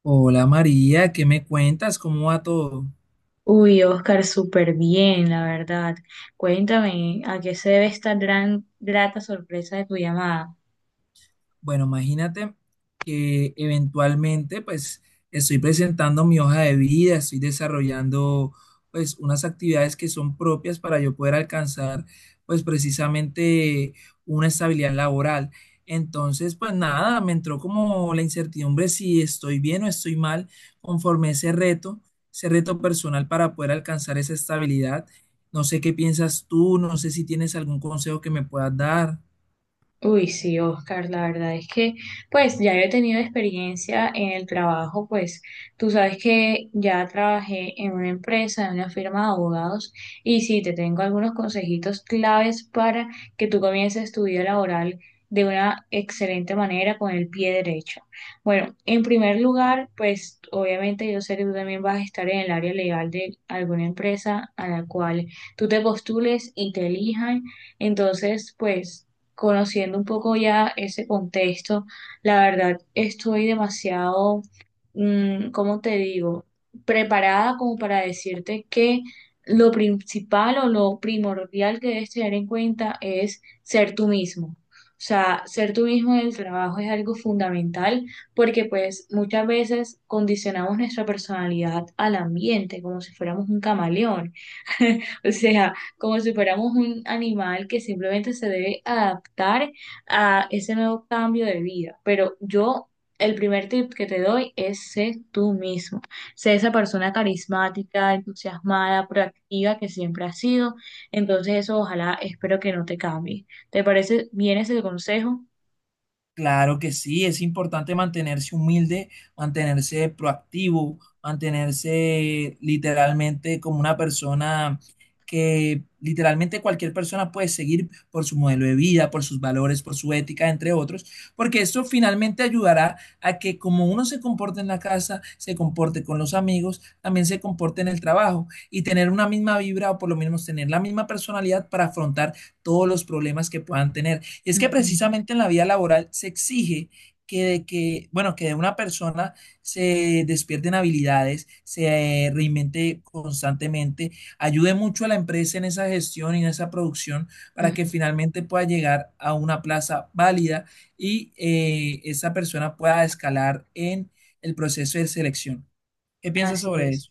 Hola María, ¿qué me cuentas? ¿Cómo va todo? Uy, Oscar, súper bien, la verdad. Cuéntame, ¿a qué se debe esta gran, grata sorpresa de tu llamada? Bueno, imagínate que eventualmente pues estoy presentando mi hoja de vida, estoy desarrollando pues unas actividades que son propias para yo poder alcanzar pues precisamente una estabilidad laboral. Entonces, pues nada, me entró como la incertidumbre si estoy bien o estoy mal conforme a ese reto personal para poder alcanzar esa estabilidad. No sé qué piensas tú, no sé si tienes algún consejo que me puedas dar. Uy, sí, Oscar, la verdad es que, pues ya yo he tenido experiencia en el trabajo, pues tú sabes que ya trabajé en una empresa, en una firma de abogados, y sí, te tengo algunos consejitos claves para que tú comiences tu vida laboral de una excelente manera con el pie derecho. Bueno, en primer lugar, pues obviamente yo sé que tú también vas a estar en el área legal de alguna empresa a la cual tú te postules y te elijan. Entonces, pues conociendo un poco ya ese contexto, la verdad estoy demasiado, ¿cómo te digo? Preparada como para decirte que lo principal o lo primordial que debes tener en cuenta es ser tú mismo. O sea, ser tú mismo en el trabajo es algo fundamental porque pues muchas veces condicionamos nuestra personalidad al ambiente como si fuéramos un camaleón. O sea, como si fuéramos un animal que simplemente se debe adaptar a ese nuevo cambio de vida. Pero yo, el primer tip que te doy es sé tú mismo, sé esa persona carismática, entusiasmada, proactiva que siempre has sido. Entonces eso ojalá espero que no te cambie. ¿Te parece bien ese consejo? Claro que sí, es importante mantenerse humilde, mantenerse proactivo, mantenerse literalmente como una persona que literalmente cualquier persona puede seguir por su modelo de vida, por sus valores, por su ética, entre otros, porque esto finalmente ayudará a que como uno se comporte en la casa, se comporte con los amigos, también se comporte en el trabajo y tener una misma vibra o por lo menos tener la misma personalidad para afrontar todos los problemas que puedan tener. Es que Ujú, precisamente en la vida laboral se exige que de que, bueno, que de una persona se despierten habilidades, se reinvente constantemente, ayude mucho a la empresa en esa gestión y en esa producción para que ujú. finalmente pueda llegar a una plaza válida y esa persona pueda escalar en el proceso de selección. ¿Qué piensas Así sobre es. eso?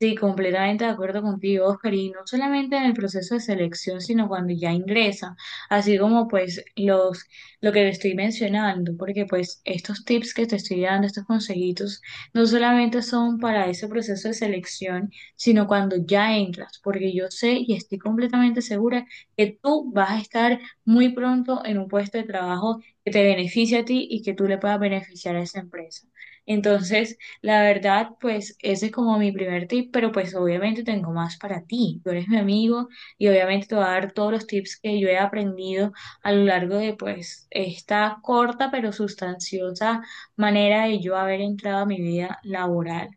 Sí, completamente de acuerdo contigo, Oscar, y no solamente en el proceso de selección, sino cuando ya ingresa, así como pues lo que te estoy mencionando, porque pues estos tips que te estoy dando, estos consejitos, no solamente son para ese proceso de selección, sino cuando ya entras, porque yo sé y estoy completamente segura que tú vas a estar muy pronto en un puesto de trabajo que te beneficie a ti y que tú le puedas beneficiar a esa empresa. Entonces, la verdad, pues ese es como mi primer tip, pero pues obviamente tengo más para ti. Tú eres mi amigo y obviamente te voy a dar todos los tips que yo he aprendido a lo largo de pues esta corta pero sustanciosa manera de yo haber entrado a mi vida laboral.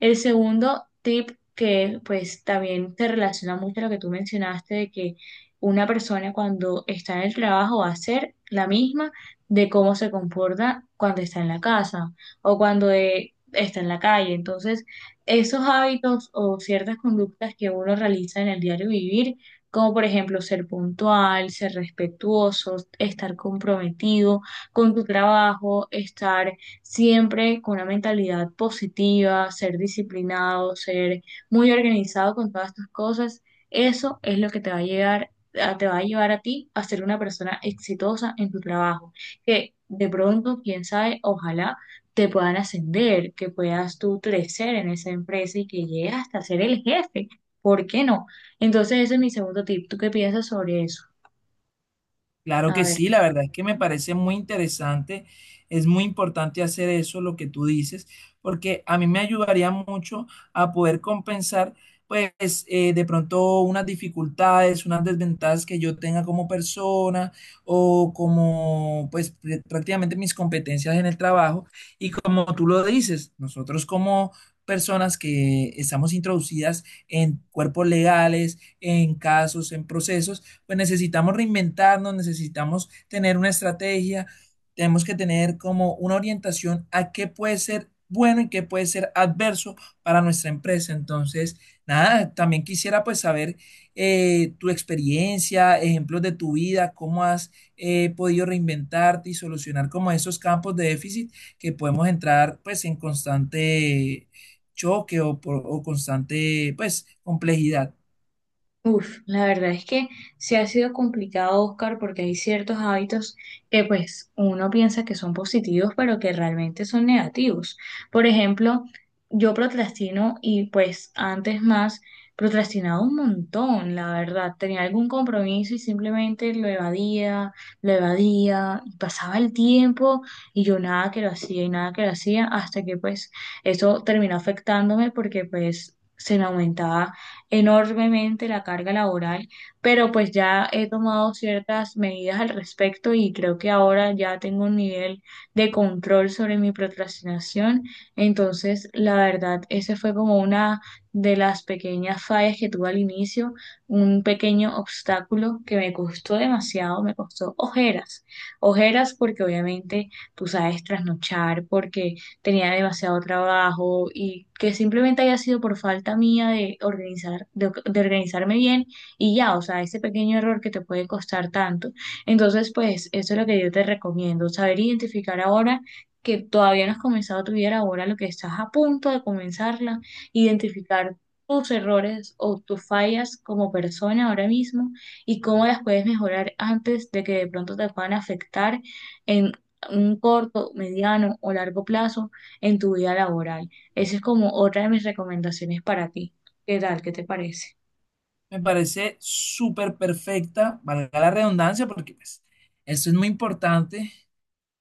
El segundo tip que pues también se relaciona mucho a lo que tú mencionaste de que una persona cuando está en el trabajo va a ser la misma de cómo se comporta cuando está en la casa o cuando de está en la calle. Entonces, esos hábitos o ciertas conductas que uno realiza en el diario vivir, como por ejemplo ser puntual, ser respetuoso, estar comprometido con tu trabajo, estar siempre con una mentalidad positiva, ser disciplinado, ser muy organizado con todas tus cosas, eso es lo que te va a te va a llevar a ti a ser una persona exitosa en tu trabajo, que de pronto, quién sabe, ojalá te puedan ascender, que puedas tú crecer en esa empresa y que llegues hasta ser el jefe. ¿Por qué no? Entonces, ese es mi segundo tip. ¿Tú qué piensas sobre eso? Claro A que ver. sí, la verdad es que me parece muy interesante, es muy importante hacer eso, lo que tú dices, porque a mí me ayudaría mucho a poder compensar, pues, de pronto unas dificultades, unas desventajas que yo tenga como persona o como, pues, prácticamente mis competencias en el trabajo. Y como tú lo dices, nosotros como personas que estamos introducidas en cuerpos legales, en casos, en procesos, pues necesitamos reinventarnos, necesitamos tener una estrategia, tenemos que tener como una orientación a qué puede ser bueno y qué puede ser adverso para nuestra empresa. Entonces, nada, también quisiera pues saber tu experiencia, ejemplos de tu vida, cómo has podido reinventarte y solucionar como esos campos de déficit que podemos entrar pues en constante choque o, o constante pues complejidad. Uf, la verdad es que sí ha sido complicado, Oscar, porque hay ciertos hábitos que pues uno piensa que son positivos, pero que realmente son negativos. Por ejemplo, yo procrastino y pues antes más procrastinaba un montón, la verdad. Tenía algún compromiso y simplemente lo evadía, y pasaba el tiempo y yo nada que lo hacía y nada que lo hacía, hasta que pues eso terminó afectándome porque pues se me aumentaba enormemente la carga laboral, pero pues ya he tomado ciertas medidas al respecto y creo que ahora ya tengo un nivel de control sobre mi procrastinación. Entonces, la verdad, ese fue como una de las pequeñas fallas que tuve al inicio, un pequeño obstáculo que me costó demasiado, me costó ojeras, ojeras porque obviamente tú sabes trasnochar, porque tenía demasiado trabajo y que simplemente haya sido por falta mía de organizar, de organizarme bien y ya, o sea, ese pequeño error que te puede costar tanto. Entonces, pues eso es lo que yo te recomiendo, saber identificar ahora que todavía no has comenzado tu vida laboral lo que estás a punto de comenzarla, identificar tus errores o tus fallas como persona ahora mismo y cómo las puedes mejorar antes de que de pronto te puedan afectar en un corto, mediano o largo plazo en tu vida laboral. Esa es como otra de mis recomendaciones para ti. ¿Qué tal? ¿Qué te parece? Me parece súper perfecta, valga la redundancia, porque pues, eso es muy importante.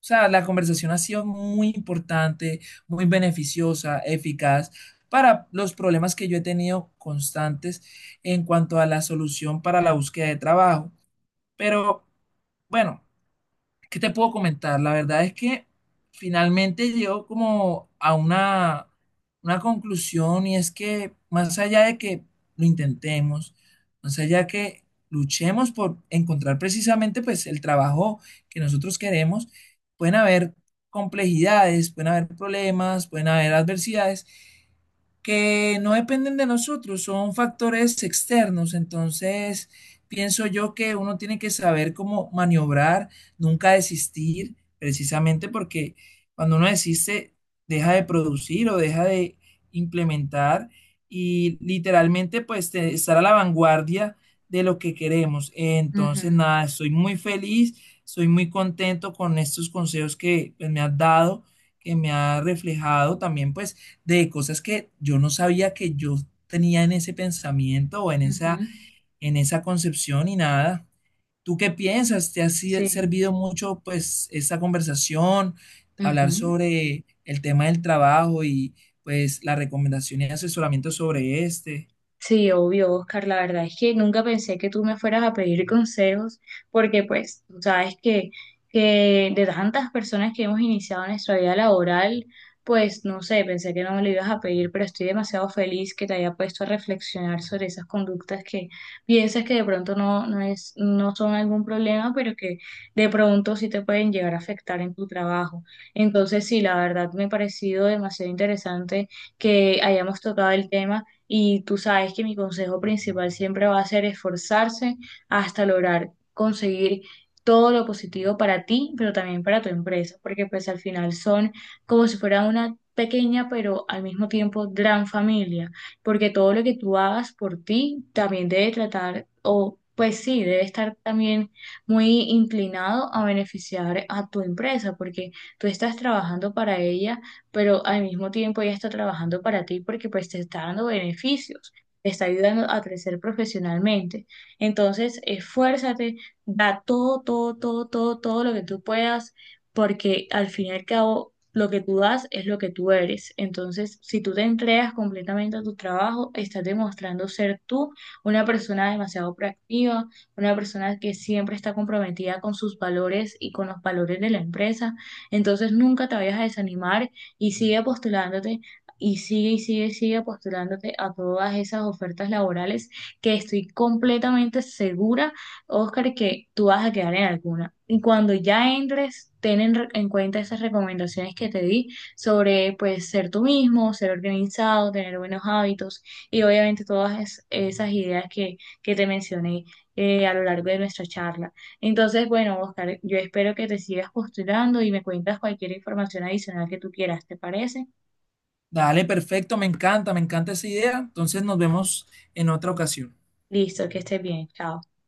O sea, la conversación ha sido muy importante, muy beneficiosa, eficaz para los problemas que yo he tenido constantes en cuanto a la solución para la búsqueda de trabajo. Pero bueno, ¿qué te puedo comentar? La verdad es que finalmente llego como a una conclusión y es que más allá de que lo intentemos, más allá de que luchemos por encontrar precisamente pues el trabajo que nosotros queremos, pueden haber complejidades, pueden haber problemas, pueden haber adversidades que no dependen de nosotros, son factores externos. Entonces, pienso yo que uno tiene que saber cómo maniobrar, nunca desistir, precisamente porque cuando uno desiste, deja de producir o deja de implementar y literalmente pues de estar a la vanguardia de lo que queremos. Entonces, Ujú, nada, estoy muy feliz, estoy muy contento con estos consejos que pues, me has dado, que me ha reflejado también pues de cosas que yo no sabía que yo tenía en ese pensamiento o ujú, en esa concepción y nada. ¿Tú qué piensas? ¿Te ha sí. servido mucho pues esta conversación, hablar Ujú. sobre el tema del trabajo y pues la recomendación y asesoramiento sobre este? Sí, obvio, Oscar, la verdad es que nunca pensé que tú me fueras a pedir consejos, porque pues tú sabes que de tantas personas que hemos iniciado nuestra vida laboral, pues no sé, pensé que no me lo ibas a pedir, pero estoy demasiado feliz que te haya puesto a reflexionar sobre esas conductas que piensas que de pronto no son algún problema, pero que de pronto sí te pueden llegar a afectar en tu trabajo. Entonces, sí, la verdad me ha parecido demasiado interesante que hayamos tocado el tema y tú sabes que mi consejo principal siempre va a ser esforzarse hasta lograr conseguir todo lo positivo para ti, pero también para tu empresa, porque pues al final son como si fuera una pequeña, pero al mismo tiempo gran familia, porque todo lo que tú hagas por ti también debe tratar, o pues sí, debe estar también muy inclinado a beneficiar a tu empresa, porque tú estás trabajando para ella pero al mismo tiempo ella está trabajando para ti porque pues te está dando beneficios, te está ayudando a crecer profesionalmente. Entonces, esfuérzate, da todo, todo, todo, todo, todo lo que tú puedas, porque al fin y al cabo lo que tú das es lo que tú eres. Entonces, si tú te entregas completamente a tu trabajo, estás demostrando ser tú una persona demasiado proactiva, una persona que siempre está comprometida con sus valores y con los valores de la empresa. Entonces, nunca te vayas a desanimar y sigue postulándote y sigue y sigue y sigue postulándote a todas esas ofertas laborales que estoy completamente segura, Oscar, que tú vas a quedar en alguna. Y cuando ya entres, en cuenta esas recomendaciones que te di sobre pues ser tú mismo, ser organizado, tener buenos hábitos y obviamente esas ideas que te mencioné a lo largo de nuestra charla. Entonces, bueno, Oscar, yo espero que te sigas postulando y me cuentas cualquier información adicional que tú quieras, ¿te parece? Dale, perfecto, me encanta esa idea. Entonces nos vemos en otra ocasión. Listo, que estés bien, chao.